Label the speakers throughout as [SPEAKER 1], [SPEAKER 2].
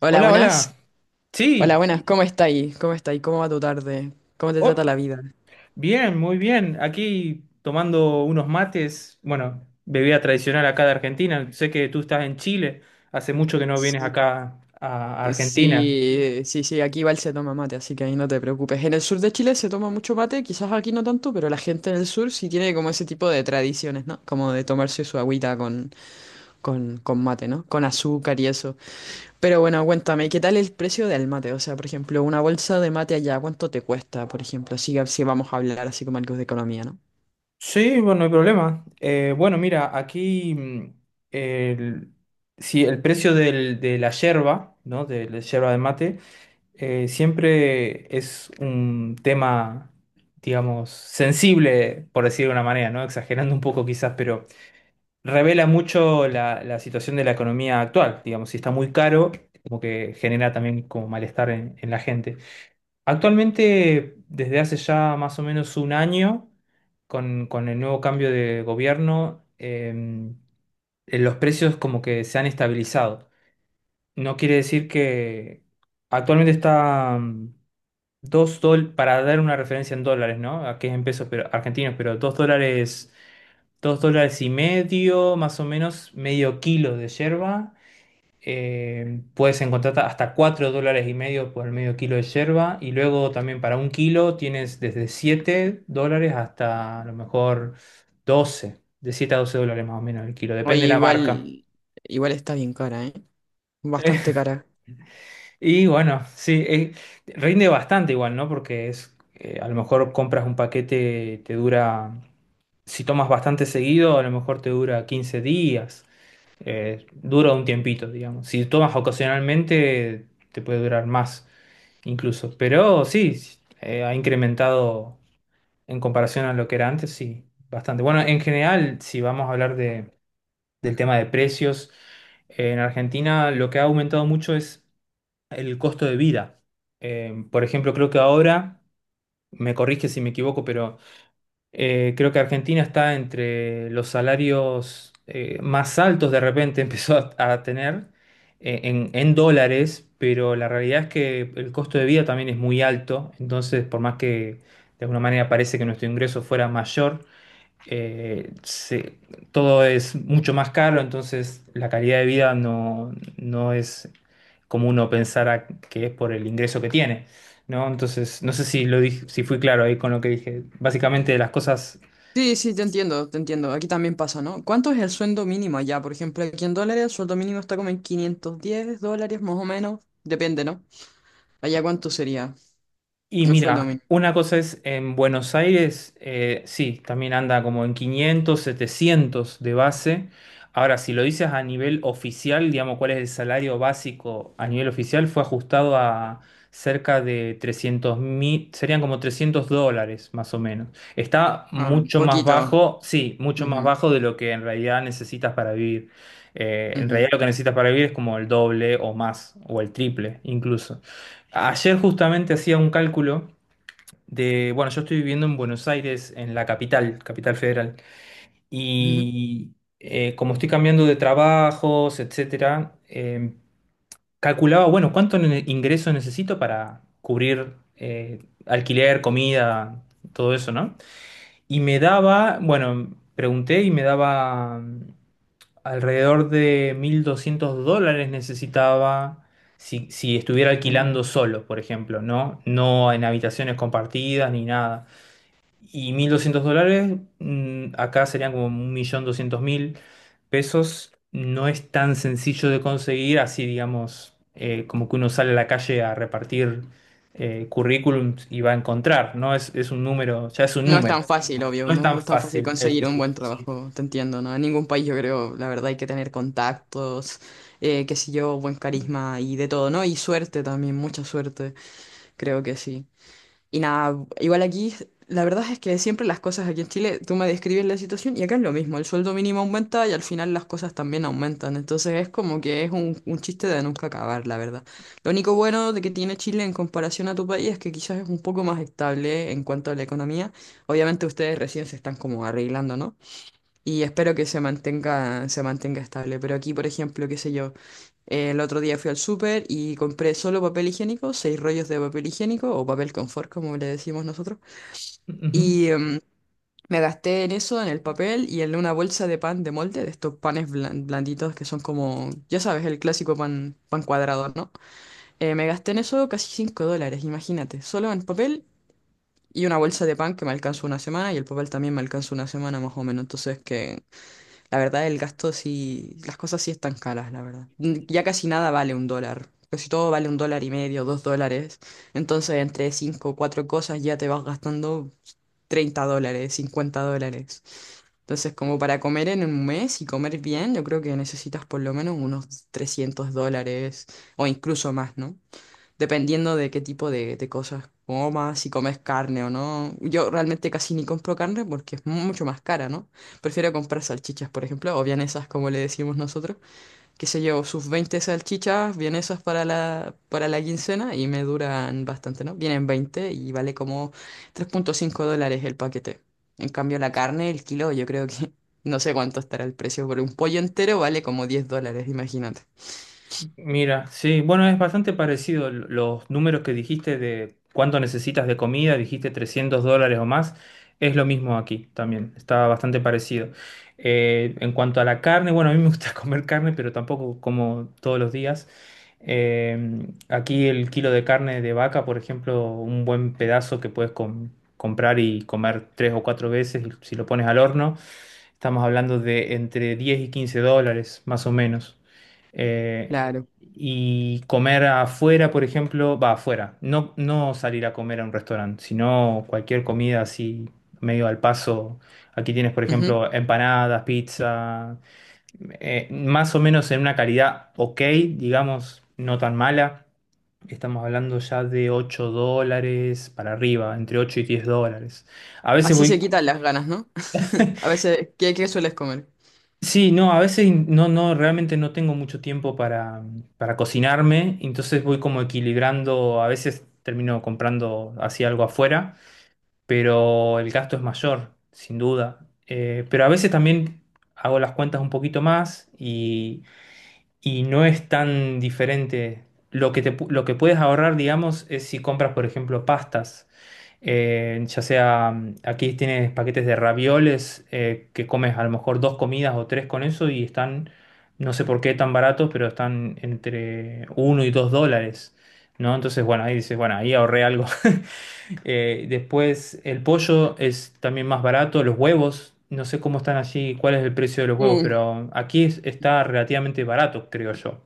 [SPEAKER 1] Hola,
[SPEAKER 2] Hola,
[SPEAKER 1] buenas.
[SPEAKER 2] hola.
[SPEAKER 1] Hola,
[SPEAKER 2] Sí,
[SPEAKER 1] buenas. ¿Cómo estáis? ¿Cómo estáis? ¿Cómo va tu tarde? ¿Cómo te trata
[SPEAKER 2] oh,
[SPEAKER 1] la vida?
[SPEAKER 2] bien, muy bien. Aquí tomando unos mates, bueno, bebida tradicional acá de Argentina. Sé que tú estás en Chile, hace mucho que no vienes
[SPEAKER 1] Sí,
[SPEAKER 2] acá a Argentina.
[SPEAKER 1] sí, sí, sí, aquí igual se toma mate, así que ahí no te preocupes. En el sur de Chile se toma mucho mate, quizás aquí no tanto, pero la gente en el sur sí tiene como ese tipo de tradiciones, ¿no? Como de tomarse su agüita con, con mate, ¿no? Con azúcar y eso. Pero bueno, cuéntame, ¿qué tal el precio del mate? O sea, por ejemplo, una bolsa de mate allá, ¿cuánto te cuesta, por ejemplo? Si vamos a hablar así como algo de economía, ¿no?
[SPEAKER 2] Sí, bueno, no hay problema. Bueno, mira, aquí el, sí, el precio de la yerba, ¿no? De la yerba de mate, siempre es un tema, digamos, sensible, por decir de una manera, ¿no? Exagerando un poco quizás, revela mucho la situación de la economía actual. Digamos, si está muy caro, como que genera también como malestar en la gente. Actualmente, desde hace ya más o menos un año, con el nuevo cambio de gobierno, los precios como que se han estabilizado. No quiere decir que actualmente está $2, para dar una referencia en dólares, ¿no? Aquí es en pesos pero, argentinos, pero $2. $2,50, más o menos medio kilo de yerba. Puedes encontrar hasta $4,50 por medio kilo de yerba. Y luego también para un kilo tienes desde $7 hasta a lo mejor 12. De $7 a $12 más o menos el kilo.
[SPEAKER 1] Oye,
[SPEAKER 2] Depende de la, vale, marca.
[SPEAKER 1] igual, igual está bien cara, ¿eh? Bastante cara.
[SPEAKER 2] Y bueno, sí, rinde bastante igual, ¿no? Porque es, a lo mejor compras un paquete, te dura, si tomas bastante seguido, a lo mejor te dura 15 días. Dura un tiempito, digamos. Si tomas ocasionalmente, te puede durar más incluso. Pero sí, ha incrementado en comparación a lo que era antes, sí, bastante. Bueno, en general, si vamos a hablar del tema de precios, en Argentina lo que ha aumentado mucho es el costo de vida. Por ejemplo, creo que ahora, me corrige si me equivoco, pero creo que Argentina está entre los salarios más altos de repente empezó a tener en dólares, pero la realidad es que el costo de vida también es muy alto, entonces por más que de alguna manera parece que nuestro ingreso fuera mayor, eh, se- todo es mucho más caro, entonces la calidad de vida no, no es como uno pensara que es por el ingreso que tiene, ¿no? Entonces, no sé si lo dije, si fui claro ahí con lo que dije. Básicamente las cosas.
[SPEAKER 1] Sí, sí, te entiendo, te entiendo. Aquí también pasa, ¿no? ¿Cuánto es el sueldo mínimo allá? Por ejemplo, aquí en dólares, el sueldo mínimo está como en $510 más o menos. Depende, ¿no? Allá, ¿cuánto sería
[SPEAKER 2] Y
[SPEAKER 1] el sueldo
[SPEAKER 2] mira,
[SPEAKER 1] mínimo?
[SPEAKER 2] una cosa es en Buenos Aires, sí, también anda como en 500, 700 de base. Ahora, si lo dices a nivel oficial, digamos, cuál es el salario básico a nivel oficial, fue ajustado a cerca de 300 mil, serían como $300 más o menos. Está
[SPEAKER 1] Ah,
[SPEAKER 2] mucho más
[SPEAKER 1] poquito.
[SPEAKER 2] bajo, sí, mucho más
[SPEAKER 1] Ujú,
[SPEAKER 2] bajo de lo que en realidad necesitas para vivir. En realidad
[SPEAKER 1] ujú,
[SPEAKER 2] lo que necesitas para vivir es como el doble o más, o el triple incluso. Ayer justamente hacía un cálculo de, bueno, yo estoy viviendo en Buenos Aires, en la capital, Capital Federal,
[SPEAKER 1] ujú.
[SPEAKER 2] y como estoy cambiando de trabajos, etcétera, calculaba, bueno, cuánto ingreso necesito para cubrir alquiler, comida, todo eso, ¿no? Y me daba, bueno, pregunté y me daba alrededor de $1.200 necesitaba si estuviera alquilando solo, por ejemplo, ¿no? No en habitaciones compartidas ni nada. Y $1.200 acá serían como 1.200.000 pesos. No es tan sencillo de conseguir, así digamos, como que uno sale a la calle a repartir currículums y va a encontrar, ¿no? Es un número, ya es un
[SPEAKER 1] No es
[SPEAKER 2] número.
[SPEAKER 1] tan fácil, obvio.
[SPEAKER 2] No es
[SPEAKER 1] No, no
[SPEAKER 2] tan
[SPEAKER 1] es tan fácil
[SPEAKER 2] fácil, eso
[SPEAKER 1] conseguir un
[SPEAKER 2] sí.
[SPEAKER 1] buen
[SPEAKER 2] Sí.
[SPEAKER 1] trabajo. Te entiendo, ¿no? En ningún país, yo creo, la verdad, hay que tener contactos, qué sé yo, buen carisma y de todo, ¿no? Y suerte también, mucha suerte. Creo que sí. Y nada, igual aquí, la verdad es que siempre las cosas aquí en Chile, tú me describes la situación y acá es lo mismo, el sueldo mínimo aumenta y al final las cosas también aumentan, entonces es como que es un chiste de nunca acabar, la verdad. Lo único bueno de que tiene Chile en comparación a tu país es que quizás es un poco más estable en cuanto a la economía, obviamente ustedes recién se están como arreglando, ¿no? Y espero que se mantenga estable. Pero aquí, por ejemplo, qué sé yo, el otro día fui al súper y compré solo papel higiénico, seis rollos de papel higiénico o papel confort, como le decimos nosotros.
[SPEAKER 2] Ujú.
[SPEAKER 1] Y me gasté en eso, en el papel y en una bolsa de pan de molde, de estos panes blanditos que son como, ya sabes, el clásico pan, pan cuadrado, ¿no? Me gasté en eso casi $5, imagínate, solo en papel. Y una bolsa de pan que me alcanzó una semana y el papel también me alcanzó una semana más o menos. Entonces que la verdad, el gasto sí, las cosas sí están caras, la verdad. Ya casi nada vale un dólar. Casi todo vale un dólar y medio, dos dólares. Entonces, entre cinco o cuatro cosas ya te vas gastando $30, $50. Entonces, como para comer en un mes y comer bien, yo creo que necesitas por lo menos unos $300 o incluso más, ¿no? Dependiendo de qué tipo de cosas comas, si comes carne o no. Yo realmente casi ni compro carne porque es mucho más cara, ¿no? Prefiero comprar salchichas, por ejemplo, o vienesas, como le decimos nosotros. Que se llevo sus 20 salchichas, vienesas para para la quincena y me duran bastante, ¿no? Vienen 20 y vale como $3.5 el paquete. En cambio, la carne, el kilo, yo creo que no sé cuánto estará el precio, pero un pollo entero vale como $10, imagínate.
[SPEAKER 2] Mira, sí, bueno, es bastante parecido los números que dijiste de cuánto necesitas de comida, dijiste $300 o más, es lo mismo aquí también, está bastante parecido. En cuanto a la carne, bueno, a mí me gusta comer carne, pero tampoco como todos los días. Aquí el kilo de carne de vaca, por ejemplo, un buen pedazo que puedes comprar y comer tres o cuatro veces y si lo pones al horno. Estamos hablando de entre $10 y $15, más o menos. Eh,
[SPEAKER 1] Claro.
[SPEAKER 2] y comer afuera, por ejemplo, va afuera. No, no salir a comer a un restaurante, sino cualquier comida así medio al paso. Aquí tienes, por
[SPEAKER 1] Ujú.
[SPEAKER 2] ejemplo, empanadas, pizza, más o menos en una calidad ok, digamos, no tan mala. Estamos hablando ya de $8 para arriba, entre $8 y $10. A veces
[SPEAKER 1] Así se
[SPEAKER 2] voy.
[SPEAKER 1] quitan las ganas, ¿no? A veces, ¿qué, qué sueles comer?
[SPEAKER 2] Sí, no, a veces no, no, realmente no tengo mucho tiempo para, cocinarme, entonces voy como equilibrando, a veces termino comprando así algo afuera, pero el gasto es mayor, sin duda. Pero a veces también hago las cuentas un poquito más y no es tan diferente. Lo que lo que puedes ahorrar, digamos, es si compras, por ejemplo, pastas. Ya sea, aquí tienes paquetes de ravioles que comes a lo mejor dos comidas o tres con eso y están, no sé por qué tan baratos, pero están entre $1 y $2, ¿no? Entonces, bueno, ahí dices, bueno, ahí ahorré algo. Después, el pollo es también más barato, los huevos, no sé cómo están allí, cuál es el precio de los huevos,
[SPEAKER 1] Mm,
[SPEAKER 2] pero aquí está relativamente barato, creo yo.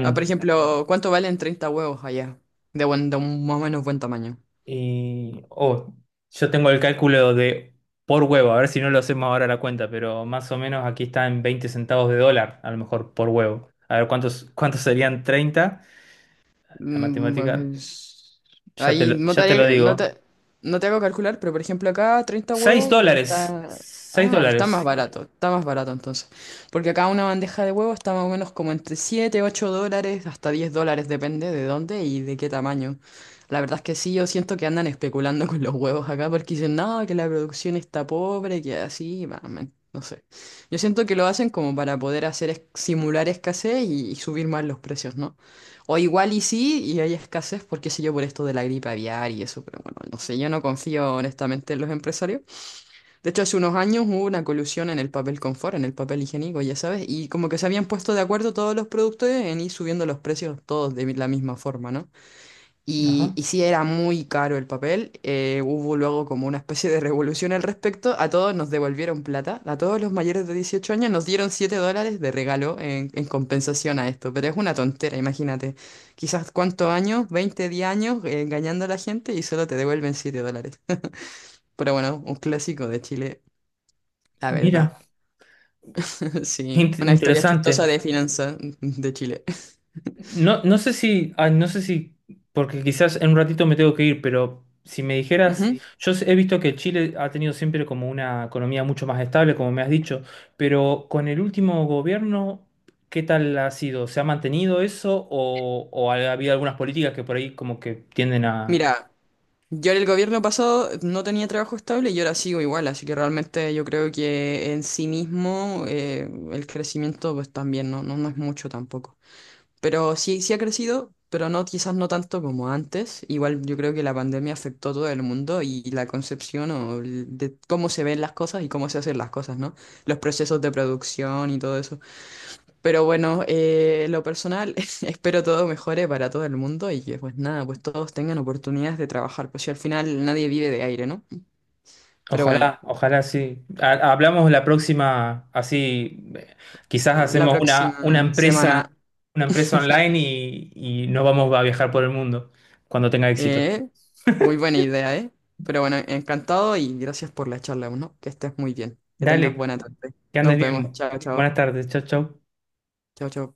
[SPEAKER 1] ah, por ejemplo, ¿cuánto valen 30 huevos allá? De buen, de un más o menos buen tamaño.
[SPEAKER 2] Y, oh, yo tengo el cálculo de por huevo, a ver si no lo hacemos ahora la cuenta, pero más o menos aquí está en 20 centavos de dólar, a lo mejor por huevo. A ver, ¿cuántos serían 30? La
[SPEAKER 1] Mm,
[SPEAKER 2] matemática,
[SPEAKER 1] pues, ahí no te,
[SPEAKER 2] ya te lo
[SPEAKER 1] haría- no
[SPEAKER 2] digo.
[SPEAKER 1] te, no te hago calcular, pero por ejemplo acá 30
[SPEAKER 2] seis
[SPEAKER 1] huevos
[SPEAKER 2] dólares,
[SPEAKER 1] está...
[SPEAKER 2] 6
[SPEAKER 1] Ah,
[SPEAKER 2] dólares.
[SPEAKER 1] está más barato entonces. Porque acá una bandeja de huevos está más o menos como entre $7 $8, hasta $10, depende de dónde y de qué tamaño. La verdad es que sí, yo siento que andan especulando con los huevos acá porque dicen, no, que la producción está pobre, que así, bah, man, no sé. Yo siento que lo hacen como para poder hacer simular escasez y subir más los precios, ¿no? O igual y sí, y hay escasez, porque sé yo, por esto de la gripe aviar y eso, pero bueno, no sé, yo no confío honestamente en los empresarios. De hecho, hace unos años hubo una colusión en el papel confort, en el papel higiénico, ya sabes, y como que se habían puesto de acuerdo todos los productores en ir subiendo los precios todos de la misma forma, ¿no? Y,
[SPEAKER 2] Ajá,
[SPEAKER 1] y sí, era muy caro el papel. Hubo luego como una especie de revolución al respecto. A todos nos devolvieron plata. A todos los mayores de 18 años nos dieron $7 de regalo en compensación a esto. Pero es una tontera, imagínate. Quizás cuántos años, 20 10 años engañando a la gente y solo te devuelven $7. Pero bueno, un clásico de Chile, la verdad.
[SPEAKER 2] mira,
[SPEAKER 1] Sí, una historia chistosa
[SPEAKER 2] interesante.
[SPEAKER 1] de finanzas de Chile.
[SPEAKER 2] No, no sé si, porque quizás en un ratito me tengo que ir, pero si me
[SPEAKER 1] Ujú.
[SPEAKER 2] dijeras,
[SPEAKER 1] Sí.
[SPEAKER 2] he visto que Chile ha tenido siempre como una economía mucho más estable, como me has dicho, pero con el último gobierno, ¿qué tal ha sido? ¿Se ha mantenido eso o ha habido algunas políticas que por ahí como que tienden a...?
[SPEAKER 1] Mira. Yo en el gobierno pasado no tenía trabajo estable y ahora sigo igual, así que realmente yo creo que en sí mismo el crecimiento pues también no, no, no es mucho tampoco. Pero sí, sí ha crecido, pero no quizás no tanto como antes. Igual yo creo que la pandemia afectó a todo el mundo y la concepción o de cómo se ven las cosas y cómo se hacen las cosas, ¿no? Los procesos de producción y todo eso. Pero bueno, lo personal, espero todo mejore para todo el mundo y que pues nada, pues todos tengan oportunidades de trabajar, pues si al final nadie vive de aire, ¿no? Pero bueno,
[SPEAKER 2] Ojalá, ojalá sí. Hablamos la próxima, así quizás
[SPEAKER 1] la
[SPEAKER 2] hacemos una, una
[SPEAKER 1] próxima
[SPEAKER 2] empresa,
[SPEAKER 1] semana,
[SPEAKER 2] una empresa online y nos vamos a viajar por el mundo cuando tenga éxito.
[SPEAKER 1] eh, muy buena idea, ¿eh? Pero bueno, encantado y gracias por la charla, ¿no? Que estés muy bien, que tengas
[SPEAKER 2] Dale,
[SPEAKER 1] buena tarde.
[SPEAKER 2] que andes
[SPEAKER 1] Nos vemos,
[SPEAKER 2] bien.
[SPEAKER 1] chao, chao,
[SPEAKER 2] Buenas tardes, chau, chau.
[SPEAKER 1] chao, chao.